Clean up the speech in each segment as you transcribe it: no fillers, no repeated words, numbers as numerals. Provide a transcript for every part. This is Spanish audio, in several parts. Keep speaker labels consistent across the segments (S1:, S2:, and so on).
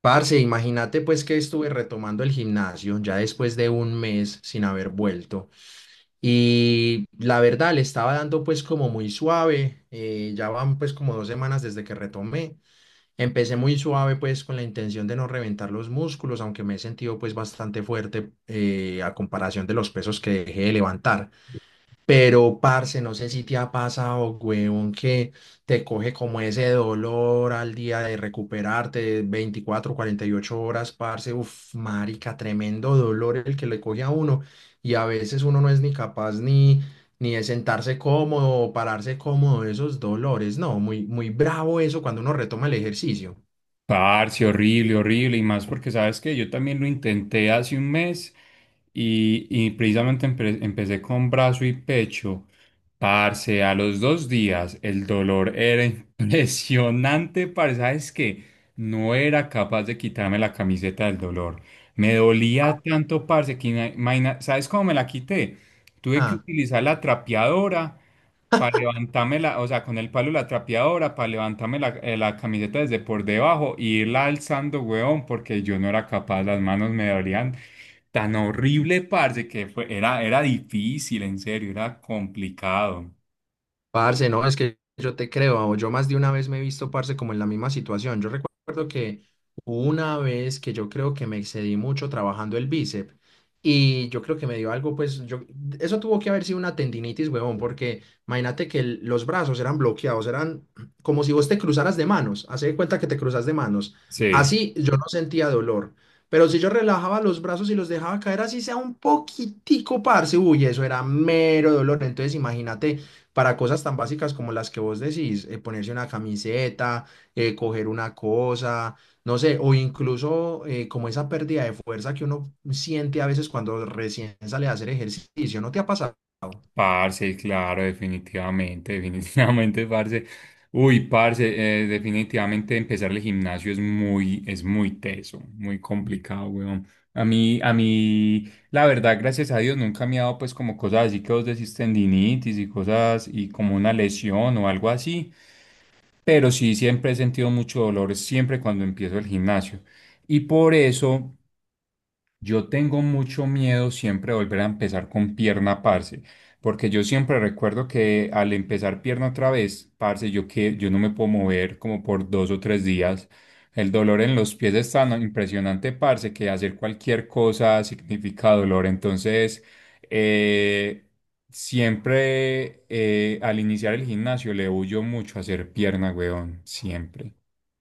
S1: Parce, imagínate pues que estuve retomando el gimnasio ya después de un mes sin haber vuelto y la verdad le estaba dando pues como muy suave, ya van pues como 2 semanas desde que retomé. Empecé muy suave pues con la intención de no reventar los músculos, aunque me he sentido pues bastante fuerte a comparación de los pesos que dejé de levantar. Pero, parce, no sé si te ha pasado, huevón, que te coge como ese dolor al día de recuperarte 24-48 horas, parce, uf, marica, tremendo dolor el que le coge a uno. Y a veces uno no es ni capaz ni de sentarse cómodo o pararse cómodo de esos dolores. No, muy, muy bravo eso cuando uno retoma el ejercicio.
S2: Parce, horrible, horrible, y más porque sabes que yo también lo intenté hace un mes y precisamente empecé con brazo y pecho. Parce, a los dos días el dolor era impresionante, parce, sabes que no era capaz de quitarme la camiseta del dolor. Me dolía tanto, parce, que ¿sabes cómo me la quité? Tuve que
S1: Ah.
S2: utilizar la trapeadora para levantarme la, o sea, con el palo de la trapeadora, para levantarme la, la camiseta desde por debajo y irla alzando, weón, porque yo no era capaz, las manos me dolían tan horrible, parce, que era difícil, en serio, era complicado.
S1: Parce, no, es que yo te creo, yo más de una vez me he visto, parce, como en la misma situación. Yo recuerdo que hubo una vez que yo creo que me excedí mucho trabajando el bíceps y yo creo que me dio algo, pues, yo, eso tuvo que haber sido una tendinitis, huevón, porque imagínate que los brazos eran bloqueados, eran como si vos te cruzaras de manos, haz de cuenta que te cruzas de manos.
S2: Sí.
S1: Así yo no sentía dolor, pero si yo relajaba los brazos y los dejaba caer así sea un poquitico, parce, uy, eso era mero dolor. Entonces imagínate para cosas tan básicas como las que vos decís, ponerse una camiseta, coger una cosa, no sé, o incluso como esa pérdida de fuerza que uno siente a veces cuando recién sale a hacer ejercicio, ¿no te ha pasado?
S2: Parce, claro, definitivamente, definitivamente, parce. Uy, parce, definitivamente empezar el gimnasio es muy teso, muy complicado, weón. A mí, la verdad, gracias a Dios, nunca me ha dado pues como cosas así que vos decís tendinitis y cosas y como una lesión o algo así, pero sí, siempre he sentido mucho dolor, siempre cuando empiezo el gimnasio. Y por eso... Yo tengo mucho miedo siempre de volver a empezar con pierna, parce, porque yo siempre recuerdo que al empezar pierna otra vez, parce, yo no me puedo mover como por 2 o 3 días. El dolor en los pies es tan impresionante, parce, que hacer cualquier cosa significa dolor. Entonces, eh, siempre al iniciar el gimnasio le huyo mucho a hacer pierna, weón, siempre.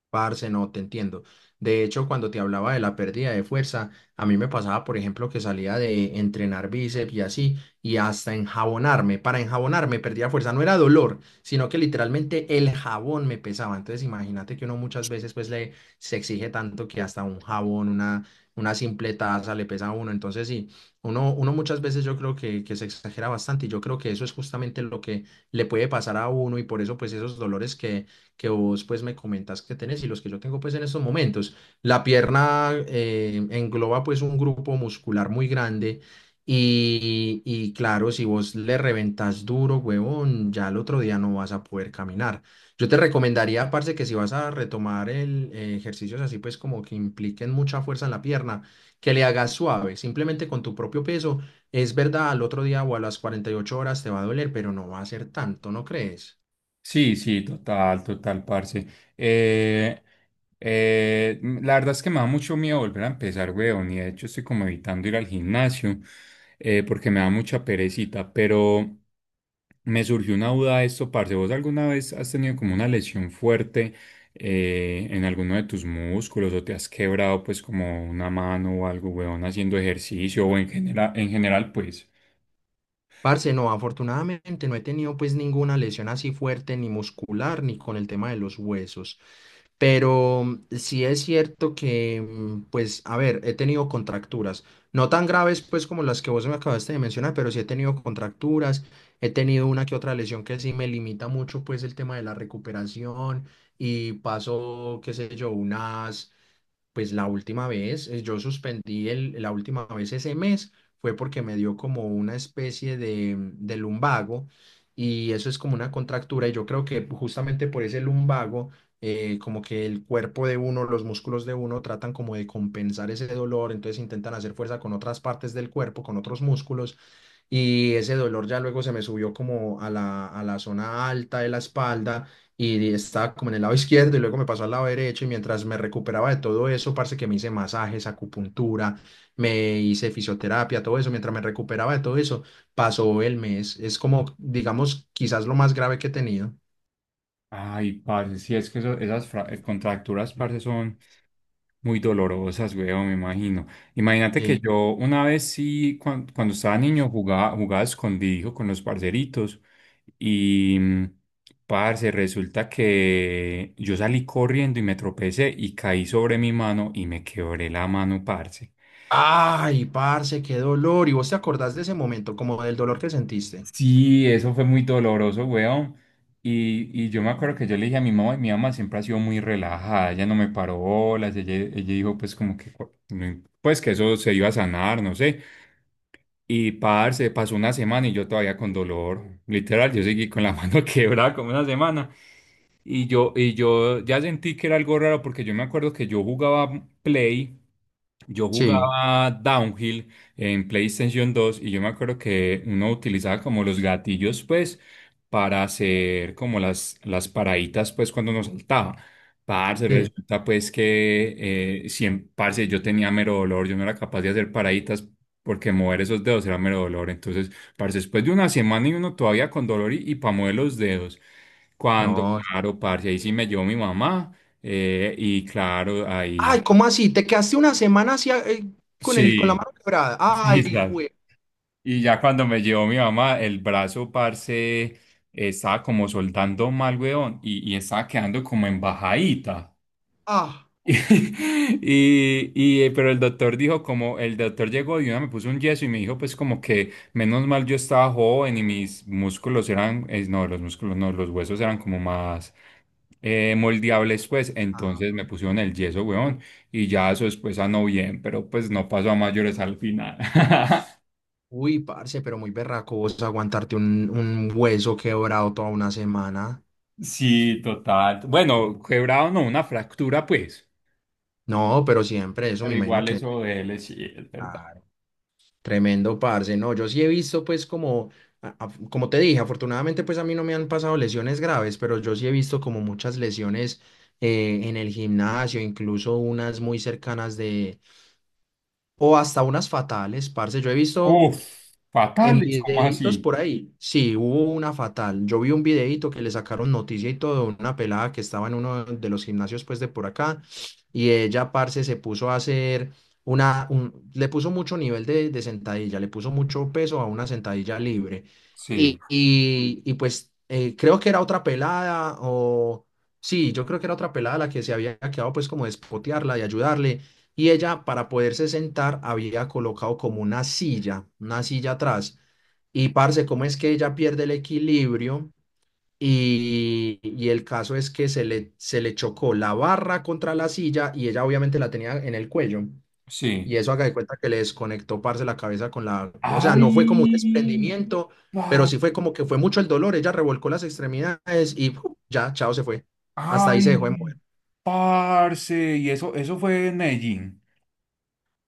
S1: Parce, no, te entiendo. De hecho, cuando te hablaba de la pérdida de fuerza, a mí me pasaba, por ejemplo, que salía de entrenar bíceps y así, y hasta enjabonarme. Para enjabonarme perdía fuerza, no era dolor, sino que literalmente el jabón me pesaba. Entonces, imagínate que uno muchas veces pues le se exige tanto que hasta un jabón, una simple taza le pesa a uno. Entonces, sí, uno muchas veces yo creo que se exagera bastante y yo creo que eso es justamente lo que le puede pasar a uno y por eso pues esos dolores que vos pues me comentas que tenés y los que yo tengo pues en estos momentos. La pierna engloba pues un grupo muscular muy grande y claro, si vos le reventas duro, huevón, ya el otro día no vas a poder caminar. Yo te recomendaría, parce, que si vas a retomar ejercicios así pues como que impliquen mucha fuerza en la pierna, que le hagas suave, simplemente con tu propio peso. Es verdad, al otro día o a las 48 horas te va a doler, pero no va a ser tanto, ¿no crees?
S2: Sí, sí, total, total, parce. Eh, la verdad es que me da mucho miedo volver a empezar, weón, y de hecho estoy como evitando ir al gimnasio porque me da mucha perecita, pero me surgió una duda de esto, parce. ¿Vos alguna vez has tenido como una lesión fuerte en alguno de tus músculos o te has quebrado pues como una mano o algo, weón, haciendo ejercicio o en general pues?
S1: Parce, no, afortunadamente no he tenido pues ninguna lesión así fuerte, ni muscular, ni con el tema de los huesos. Pero sí es cierto que, pues, a ver, he tenido contracturas, no tan graves pues como las que vos me acabaste de mencionar, pero sí he tenido contracturas, he tenido una que otra lesión que sí me limita mucho pues el tema de la recuperación y paso, qué sé yo, unas pues la última vez, yo suspendí la última vez ese mes, fue porque me dio como una especie de lumbago y eso es como una contractura y yo creo que justamente por ese lumbago, como que el cuerpo de uno, los músculos de uno tratan como de compensar ese dolor, entonces intentan hacer fuerza con otras partes del cuerpo, con otros músculos y ese dolor ya luego se me subió como a la zona alta de la espalda y estaba como en el lado izquierdo y luego me pasó al lado derecho y mientras me recuperaba de todo eso, parce que me hice masajes, acupuntura, me hice fisioterapia, todo eso, mientras me recuperaba de todo eso, pasó el mes. Es como, digamos, quizás lo más grave que he tenido.
S2: Ay, parce, sí, es que contracturas, parce, son... Muy dolorosas, weón, me imagino. Imagínate que
S1: Sí.
S2: yo una vez sí, cuando, estaba niño, jugaba escondido con los parceritos y parce, resulta que yo salí corriendo y me tropecé y caí sobre mi mano y me quebré la mano, parce.
S1: Ay, parce, qué dolor. ¿Y vos te acordás de ese momento, como del dolor que sentiste?
S2: Sí, eso fue muy doloroso, weón. Y yo me acuerdo que yo le dije a mi mamá, y mi mamá siempre ha sido muy relajada, ella no me paró bolas, ella dijo pues como que, cu- no im- pues que eso se iba a sanar, no sé. Y parce, pasó una semana y yo todavía con dolor. Literal, yo seguí con la mano quebrada como una semana. Y yo ya sentí que era algo raro porque yo me acuerdo que yo jugaba Play. Yo
S1: Sí,
S2: jugaba Downhill en PlayStation 2 y yo me acuerdo que uno utilizaba como los gatillos, pues, para hacer como las paraditas, pues, cuando uno saltaba. Parce,
S1: sí.
S2: resulta pues que parce, yo tenía mero dolor, yo no era capaz de hacer paraditas porque mover esos dedos era mero dolor. Entonces, parce, después de una semana y uno todavía con dolor y para mover los dedos. Cuando,
S1: No.
S2: claro, parce, ahí sí me llevó mi mamá y claro,
S1: Ay,
S2: ahí
S1: ¿cómo así? ¿Te quedaste una semana así con la
S2: sí.
S1: mano quebrada?
S2: Sí,
S1: Ay,
S2: ya.
S1: güey.
S2: Y ya cuando me llevó mi mamá, el brazo, parce, eh, estaba como soltando mal, weón, y estaba quedando como embajadita.
S1: Ah.
S2: Pero el doctor dijo como, el doctor llegó y una me puso un yeso y me dijo pues como que menos mal yo estaba joven y mis músculos eran, no, los músculos no, los huesos eran como más moldeables pues, entonces
S1: Ah.
S2: me pusieron el yeso, weón, y ya eso después no bien, pero pues no pasó a mayores al final.
S1: Uy, parce, pero muy berraco vos aguantarte un hueso quebrado toda una semana.
S2: Sí, total. Bueno, quebrado no, una fractura, pues.
S1: No, pero siempre eso me
S2: Pero
S1: imagino
S2: igual
S1: que
S2: eso de él, sí, es verdad.
S1: claro, tremendo, parce. No, yo sí he visto pues como, como te dije, afortunadamente pues a mí no me han pasado lesiones graves, pero yo sí he visto como muchas lesiones en el gimnasio, incluso unas muy cercanas de, o hasta unas fatales, parce. Yo he visto
S2: Uf,
S1: en
S2: fatales, ¿cómo
S1: videitos
S2: así?
S1: por ahí, sí, hubo una fatal. Yo vi un videito que le sacaron noticia y todo, una pelada que estaba en uno de los gimnasios pues de por acá y ella, parce, se puso a hacer le puso mucho nivel de sentadilla, le puso mucho peso a una sentadilla libre.
S2: Sí,
S1: Y, pues creo que era otra pelada o, sí, yo creo que era otra pelada la que se había quedado pues como de espotearla, de ayudarle y ella, para poderse sentar, había colocado como una silla atrás. Y parce, ¿cómo es que ella pierde el equilibrio? Y el caso es que se le chocó la barra contra la silla y ella obviamente la tenía en el cuello. Y
S2: sí.
S1: eso haga de cuenta que le desconectó, parce, la cabeza con la, o sea, no fue como un
S2: Ay,
S1: desprendimiento, pero
S2: pa-
S1: sí fue como que fue mucho el dolor. Ella revolcó las extremidades y ¡puf! Ya, chao, se fue. Hasta ahí se dejó de
S2: ay,
S1: mover.
S2: parce. Y eso fue en Medellín.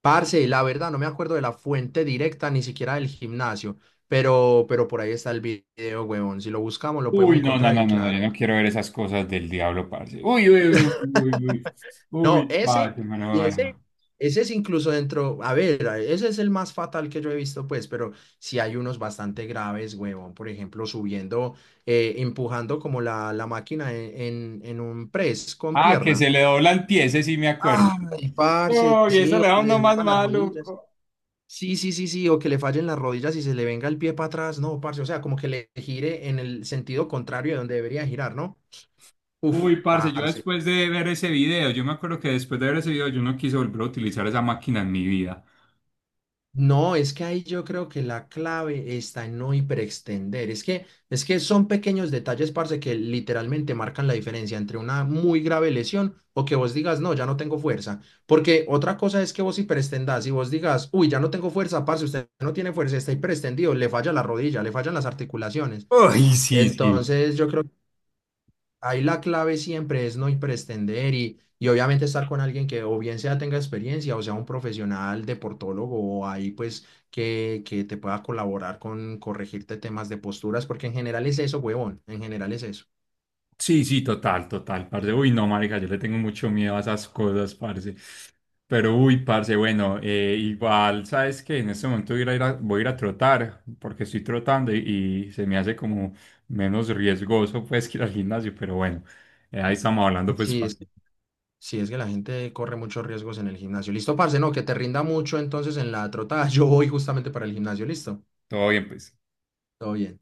S1: Parce, la verdad, no me acuerdo de la fuente directa, ni siquiera del gimnasio, pero, por ahí está el video, huevón. Si lo buscamos, lo podemos
S2: Uy, no, no,
S1: encontrar
S2: no,
S1: y
S2: no, no,
S1: claro.
S2: yo no quiero ver esas cosas del diablo, parce. Uy, uy, uy, uy, uy,
S1: No,
S2: uy,
S1: ese,
S2: parce, me lo
S1: y ese,
S2: bueno.
S1: ese es incluso dentro, a ver, ese es el más fatal que yo he visto, pues, pero sí hay unos bastante graves, huevón. Por ejemplo, subiendo, empujando como la máquina en, en un press con
S2: Ah, que
S1: pierna.
S2: se le doblan pies, ese sí me acuerdo.
S1: Ay, parce,
S2: Uy, eso
S1: sí, o
S2: le da
S1: que le
S2: uno más
S1: devuelva las rodillas.
S2: maluco.
S1: Sí, sí, sí, sí, o que le fallen las rodillas y se le venga el pie para atrás, no, parce, o sea, como que le gire en el sentido contrario de donde debería girar, ¿no? Uf,
S2: Uy, parce, yo
S1: parce.
S2: después de ver ese video, yo me acuerdo que después de ver ese video yo no quise volver a utilizar esa máquina en mi vida.
S1: No, es que ahí yo creo que la clave está en no hiperextender. Es que son pequeños detalles, parce, que literalmente marcan la diferencia entre una muy grave lesión o que vos digas, no, ya no tengo fuerza. Porque otra cosa es que vos hiperextendás y vos digas, uy, ya no tengo fuerza, parce, usted no tiene fuerza, está hiperextendido, le falla la rodilla, le fallan las articulaciones.
S2: Uy, sí, sí.
S1: Entonces, yo creo ahí la clave siempre es no pretender y obviamente estar con alguien que o bien sea tenga experiencia o sea un profesional deportólogo o ahí pues que te pueda colaborar con corregirte temas de posturas, porque en general es eso, huevón, en general es eso.
S2: Sí, sí, total, total, parce. Uy, no, marica, yo le tengo mucho miedo a esas cosas, parce. Pero, uy, parce, bueno, igual, ¿sabes que en este momento voy a ir a, voy a ir a trotar, porque estoy trotando y se me hace como menos riesgoso, pues, que ir al gimnasio? Pero bueno, ahí estamos hablando, pues,
S1: Sí,
S2: parce.
S1: es, sí, es que la gente corre muchos riesgos en el gimnasio. Listo, parce, no, que te rinda mucho entonces en la trotada. Yo voy justamente para el gimnasio, listo.
S2: Todo bien, pues.
S1: Todo bien.